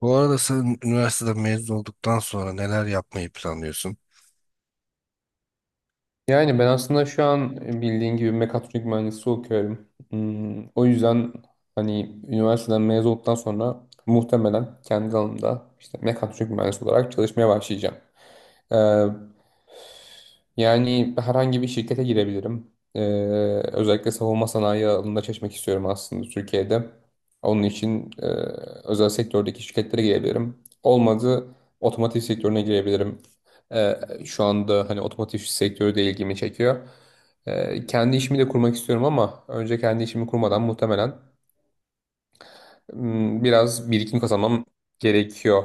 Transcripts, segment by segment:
Bu arada sen üniversiteden mezun olduktan sonra neler yapmayı planlıyorsun? Yani ben aslında şu an bildiğin gibi mekatronik mühendisi okuyorum. O yüzden hani üniversiteden mezun olduktan sonra muhtemelen kendi alanımda işte mekatronik mühendisi olarak çalışmaya başlayacağım. Ee, yani herhangi bir şirkete girebilirim. Özellikle savunma sanayi alanında çalışmak istiyorum aslında Türkiye'de. Onun için özel sektördeki şirketlere girebilirim. Olmadı otomotiv sektörüne girebilirim. Ee, şu anda hani otomotiv sektörü de ilgimi çekiyor. Kendi işimi de kurmak istiyorum ama önce kendi işimi kurmadan muhtemelen biraz birikim kazanmam gerekiyor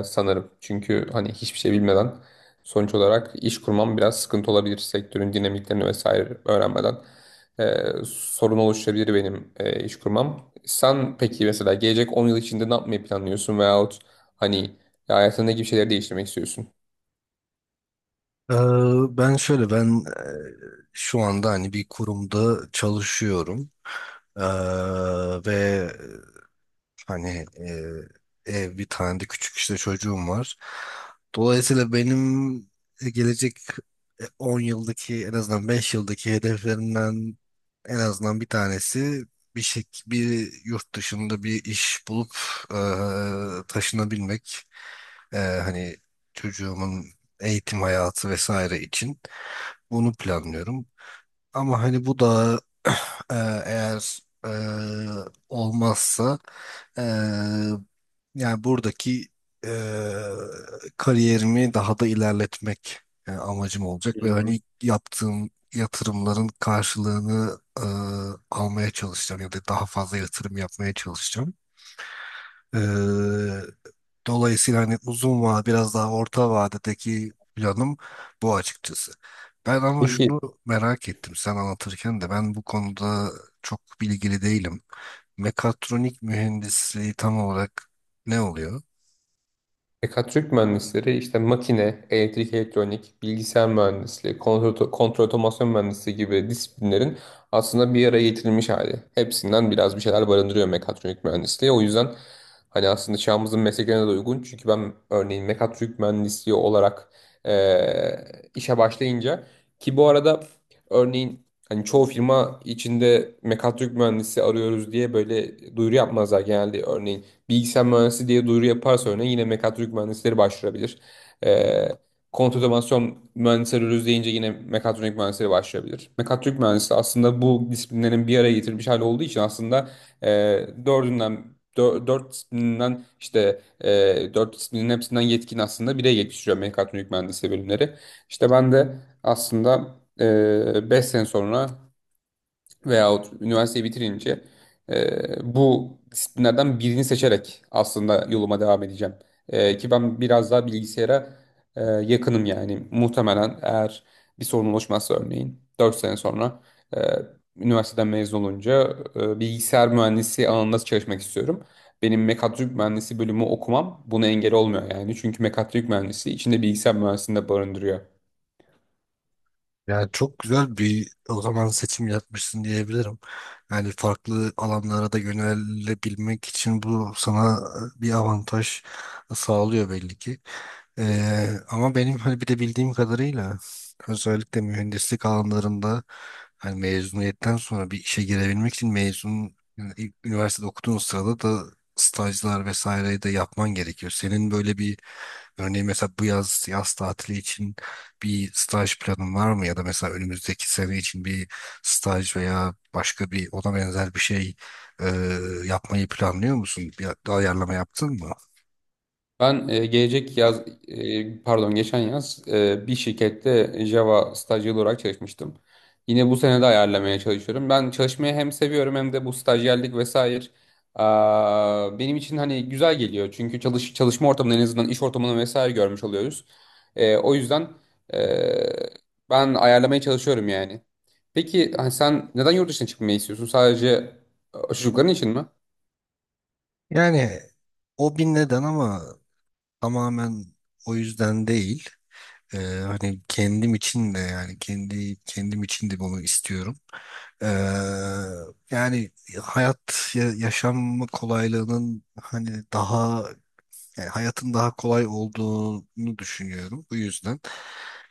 sanırım. Çünkü hani hiçbir şey bilmeden sonuç olarak iş kurmam biraz sıkıntı olabilir sektörün dinamiklerini vesaire öğrenmeden. Sorun oluşturabilir benim iş kurmam. Sen peki mesela gelecek 10 yıl içinde ne yapmayı planlıyorsun veyahut hani hayatında ne gibi şeyleri değiştirmek istiyorsun? Ee, ben şöyle, ben şu anda hani bir kurumda çalışıyorum. Ee, ve hani ev bir tane de küçük işte çocuğum var. Dolayısıyla benim gelecek 10 yıldaki en azından 5 yıldaki hedeflerimden en azından bir tanesi bir yurt dışında bir iş bulup taşınabilmek. Hani çocuğumun eğitim hayatı vesaire için bunu planlıyorum. Ama hani bu da e, eğer e, olmazsa e, yani buradaki e, kariyerimi daha da ilerletmek amacım olacak Hı ve hı. hani yaptığım yatırımların karşılığını almaya çalışacağım ya da daha fazla yatırım yapmaya çalışacağım. E, Dolayısıyla hani uzun vade biraz daha orta vadedeki planım bu açıkçası. Ben ama Peki şunu merak ettim, sen anlatırken de ben bu konuda çok bilgili değilim. Mekatronik mühendisliği tam olarak ne oluyor? mekatronik mühendisleri işte makine, elektrik, elektronik, bilgisayar mühendisliği, kontrol, kontrol otomasyon mühendisliği gibi disiplinlerin aslında bir araya getirilmiş hali. Hepsinden biraz bir şeyler barındırıyor mekatronik mühendisliği. O yüzden hani aslında çağımızın mesleklerine de uygun. Çünkü ben örneğin mekatronik mühendisliği olarak eee, işe başlayınca ki bu arada örneğin hani çoğu firma içinde mekatronik mühendisi arıyoruz diye böyle duyuru yapmazlar genelde. Örneğin bilgisayar mühendisi diye duyuru yaparsa örneğin yine mekatronik mühendisleri başvurabilir. E, kontrol otomasyon mühendisleri arıyoruz deyince yine mekatronik mühendisleri başvurabilir. Mekatronik mühendisi aslında bu disiplinlerin bir araya getirmiş hali olduğu için aslında e, dördünden dört disiplinden işte dört disiplinin hepsinden yetkin aslında bireye yetiştiriyor mekatronik mühendisliği bölümleri. İşte ben de aslında 5 sene sonra veyahut üniversiteyi bitirince bu disiplinlerden birini seçerek aslında yoluma devam edeceğim. Ki ben biraz daha bilgisayara yakınım yani. Muhtemelen eğer bir sorun oluşmazsa örneğin 4 sene sonra e, üniversiteden mezun olunca bilgisayar mühendisi alanında çalışmak istiyorum. Benim mekatronik mühendisi bölümü okumam buna engel olmuyor yani. Çünkü mekatronik mühendisi içinde bilgisayar mühendisini de barındırıyor. Yani çok güzel bir o zaman seçim yapmışsın diyebilirim. Yani farklı alanlara da yönelebilmek için bu sana bir avantaj sağlıyor belli ki. Ama benim hani bir de bildiğim kadarıyla özellikle mühendislik alanlarında hani mezuniyetten sonra bir işe girebilmek için mezun, yani ilk üniversitede okuduğun sırada da stajlar vesaireyi de yapman gerekiyor. Senin böyle bir, örneğin mesela bu yaz tatili için bir staj planın var mı ya da mesela önümüzdeki sene için bir staj veya başka bir ona benzer bir şey e, yapmayı planlıyor musun? Bir ayarlama yaptın mı? Ben gelecek yaz, pardon geçen yaz bir şirkette Java stajyeri olarak çalışmıştım. Yine bu sene de ayarlamaya çalışıyorum. Ben çalışmayı hem seviyorum hem de bu stajyerlik vesaire benim için hani güzel geliyor. Çünkü çalışma ortamını en azından iş ortamını vesaire görmüş oluyoruz. O yüzden e, ben ayarlamaya çalışıyorum yani. Peki hani sen neden yurt dışına çıkmayı istiyorsun? Sadece çocukların için mi? Yani o bir neden ama tamamen o yüzden değil. E, hani kendim için de, yani kendi kendim için de bunu istiyorum. E, yani hayat yaşam kolaylığının hani daha, yani hayatın daha kolay olduğunu düşünüyorum bu yüzden.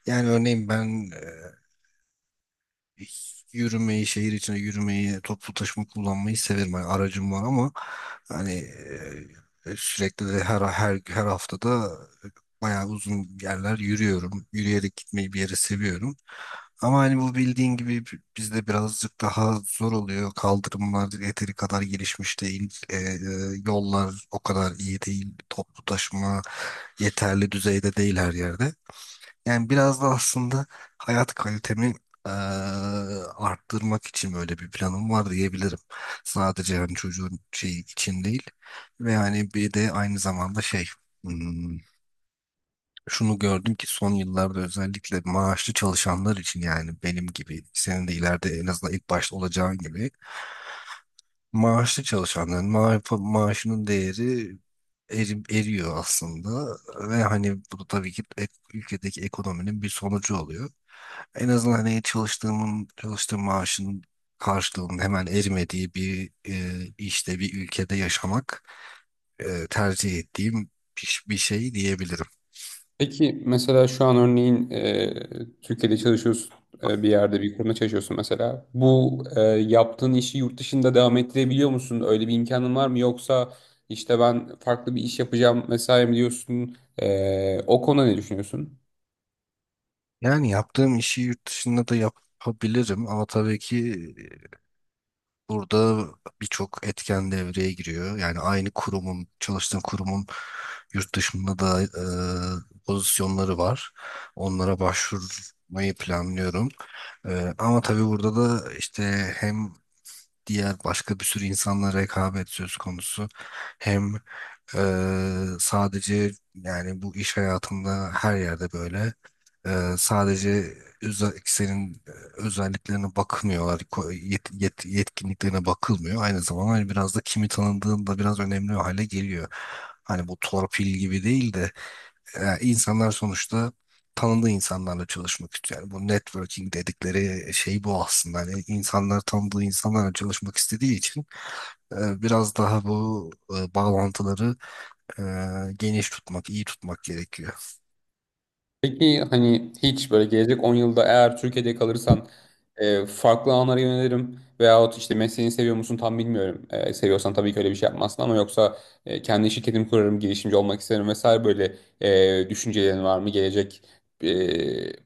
Yani örneğin ben yürümeyi, şehir içine yürümeyi, toplu taşıma kullanmayı severim. Yani aracım var ama hani sürekli de her haftada bayağı uzun yerler yürüyorum. Yürüyerek gitmeyi bir yere seviyorum. Ama hani bu bildiğin gibi bizde birazcık daha zor oluyor. Kaldırımlar yeteri kadar gelişmiş değil. Yollar o kadar iyi değil. Toplu taşıma yeterli düzeyde değil her yerde. Yani biraz da aslında hayat kalitemi eee, arttırmak için böyle bir planım var diyebilirim. Sadece yani çocuğun şey için değil. Ve hani bir de aynı zamanda şey, hmm, şunu gördüm ki son yıllarda özellikle maaşlı çalışanlar için, yani benim gibi senin de ileride en azından ilk başta olacağın gibi, maaşlı çalışanların maaşının değeri eriyor aslında ve hani bu da tabii ki ülkedeki ekonominin bir sonucu oluyor. En azından hani çalıştığım maaşın karşılığının hemen erimediği bir işte bir ülkede yaşamak tercih ettiğim bir şey diyebilirim. Peki mesela şu an örneğin Türkiye'de çalışıyorsun bir yerde bir kurumda çalışıyorsun mesela. Bu yaptığın işi yurt dışında devam ettirebiliyor musun? Öyle bir imkanın var mı? Yoksa işte ben farklı bir iş yapacağım vesaire mi diyorsun? O konuda ne düşünüyorsun? Yani yaptığım işi yurt dışında da yapabilirim ama tabii ki burada birçok etken devreye giriyor. Yani aynı kurumun, çalıştığın kurumun, yurt dışında da pozisyonları var. Onlara başvurmayı planlıyorum. Ama tabii burada da işte hem diğer başka bir sürü insanla rekabet söz konusu, hem sadece yani bu iş hayatında her yerde böyle. Sadece senin özelliklerine bakmıyorlar, yetkinliklerine bakılmıyor. Aynı zamanda hani biraz da kimi tanıdığın da biraz önemli hale geliyor. Hani bu torpil gibi değil de, insanlar sonuçta tanıdığı insanlarla çalışmak istiyor. Yani bu networking dedikleri şey bu aslında. Hani insanlar tanıdığı insanlarla çalışmak istediği için biraz daha bu bağlantıları e, geniş tutmak, iyi tutmak gerekiyor. Peki hani hiç böyle gelecek 10 yılda eğer Türkiye'de kalırsan farklı alanlara yönelirim veyahut işte mesleğini seviyor musun tam bilmiyorum. Seviyorsan tabii ki öyle bir şey yapmazsın ama yoksa kendi şirketimi kurarım, girişimci olmak isterim vesaire böyle düşüncelerin var mı gelecek e,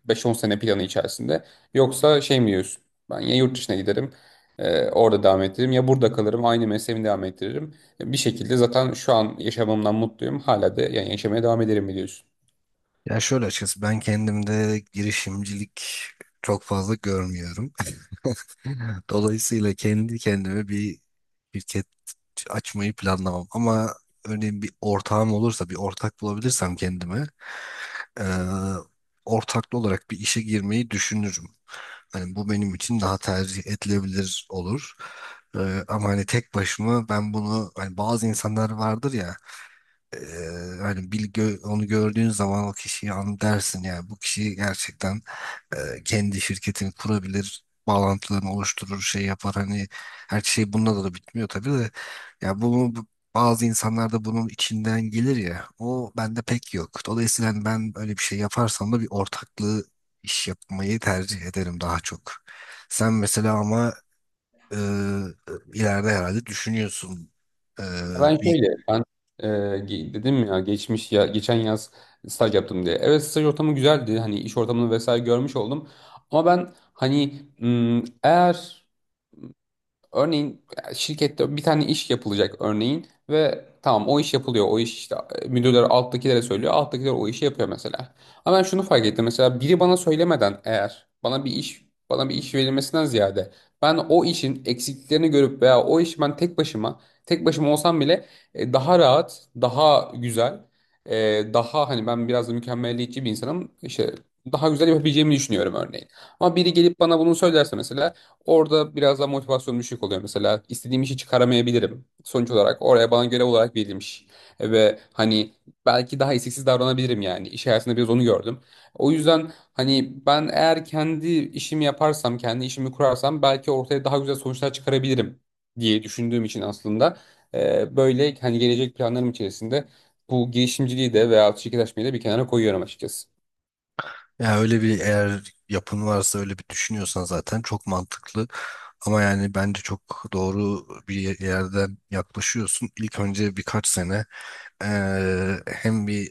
5-10 sene planı içerisinde? Yoksa şey mi diyorsun? Ben ya yurt dışına giderim, orada devam ettiririm ya burada kalırım, aynı mesleğimi devam ettiririm. Bir şekilde zaten şu an yaşamamdan mutluyum. Hala da yani yaşamaya devam ederim mi diyorsun? Ya şöyle, açıkçası ben kendimde girişimcilik çok fazla görmüyorum. Dolayısıyla kendi kendime bir şirket açmayı planlamam. Ama örneğin bir ortağım olursa, bir ortak bulabilirsem kendime, e, ortaklı olarak bir işe girmeyi düşünürüm. Hani bu benim için daha tercih edilebilir olur. E, ama hani tek başıma, ben bunu hani bazı insanlar vardır ya. Hani bir onu gördüğün zaman o kişiyi an dersin, yani bu kişi gerçekten, kendi şirketini kurabilir, bağlantılarını oluşturur, şey yapar. Hani her şey bununla da bitmiyor tabii de, ya bunu bazı insanlar da bunun içinden gelir ya, o bende pek yok. Dolayısıyla hani ben öyle bir şey yaparsam da bir ortaklığı iş yapmayı tercih ederim daha çok. Sen mesela ama eee, ileride herhalde düşünüyorsun, eee, Ya ben bir. şöyle, ben e, dedim ya geçmiş ya geçen yaz staj yaptım diye. Evet staj ortamı güzeldi. Hani iş ortamını vesaire görmüş oldum. Ama ben hani eğer örneğin şirkette bir tane iş yapılacak örneğin ve tamam o iş yapılıyor. O iş işte müdürler alttakilere söylüyor. Alttakiler o işi yapıyor mesela. Ama ben şunu fark ettim mesela biri bana söylemeden eğer bana bir iş verilmesinden ziyade ben o işin eksikliklerini görüp veya o işi ben tek başıma olsam bile daha rahat, daha güzel, daha hani ben biraz da mükemmeliyetçi bir insanım. İşte daha güzel yapabileceğimi düşünüyorum örneğin. Ama biri gelip bana bunu söylerse mesela orada biraz daha motivasyon düşük oluyor mesela. İstediğim işi çıkaramayabilirim. Sonuç olarak oraya bana görev olarak verilmiş. Ve hani belki daha isteksiz davranabilirim yani. İş hayatında biraz onu gördüm. O yüzden hani ben eğer kendi işimi yaparsam, kendi işimi kurarsam belki ortaya daha güzel sonuçlar çıkarabilirim diye düşündüğüm için aslında böyle hani gelecek planlarım içerisinde bu girişimciliği de veya şirketleşmeyi de bir kenara koyuyorum açıkçası. Ya öyle bir, eğer yapın varsa, öyle bir düşünüyorsan zaten çok mantıklı. Ama yani bence çok doğru bir yerden yaklaşıyorsun. İlk önce birkaç sene, hem bir,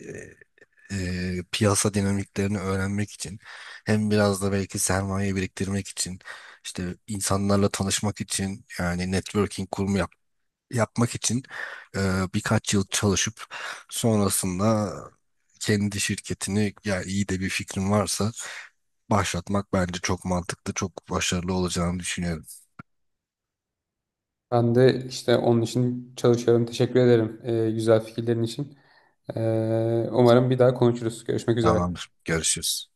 piyasa dinamiklerini öğrenmek için, hem biraz da belki sermaye biriktirmek için, işte insanlarla tanışmak için, yani networking kurumu yapmak için, birkaç yıl çalışıp sonrasında kendi şirketini, ya iyi de bir fikrin varsa, başlatmak bence çok mantıklı, çok başarılı olacağını düşünüyorum. Ben de işte onun için çalışıyorum. Teşekkür ederim güzel fikirlerin için. Umarım bir daha konuşuruz. Görüşmek üzere. Tamamdır. Görüşürüz.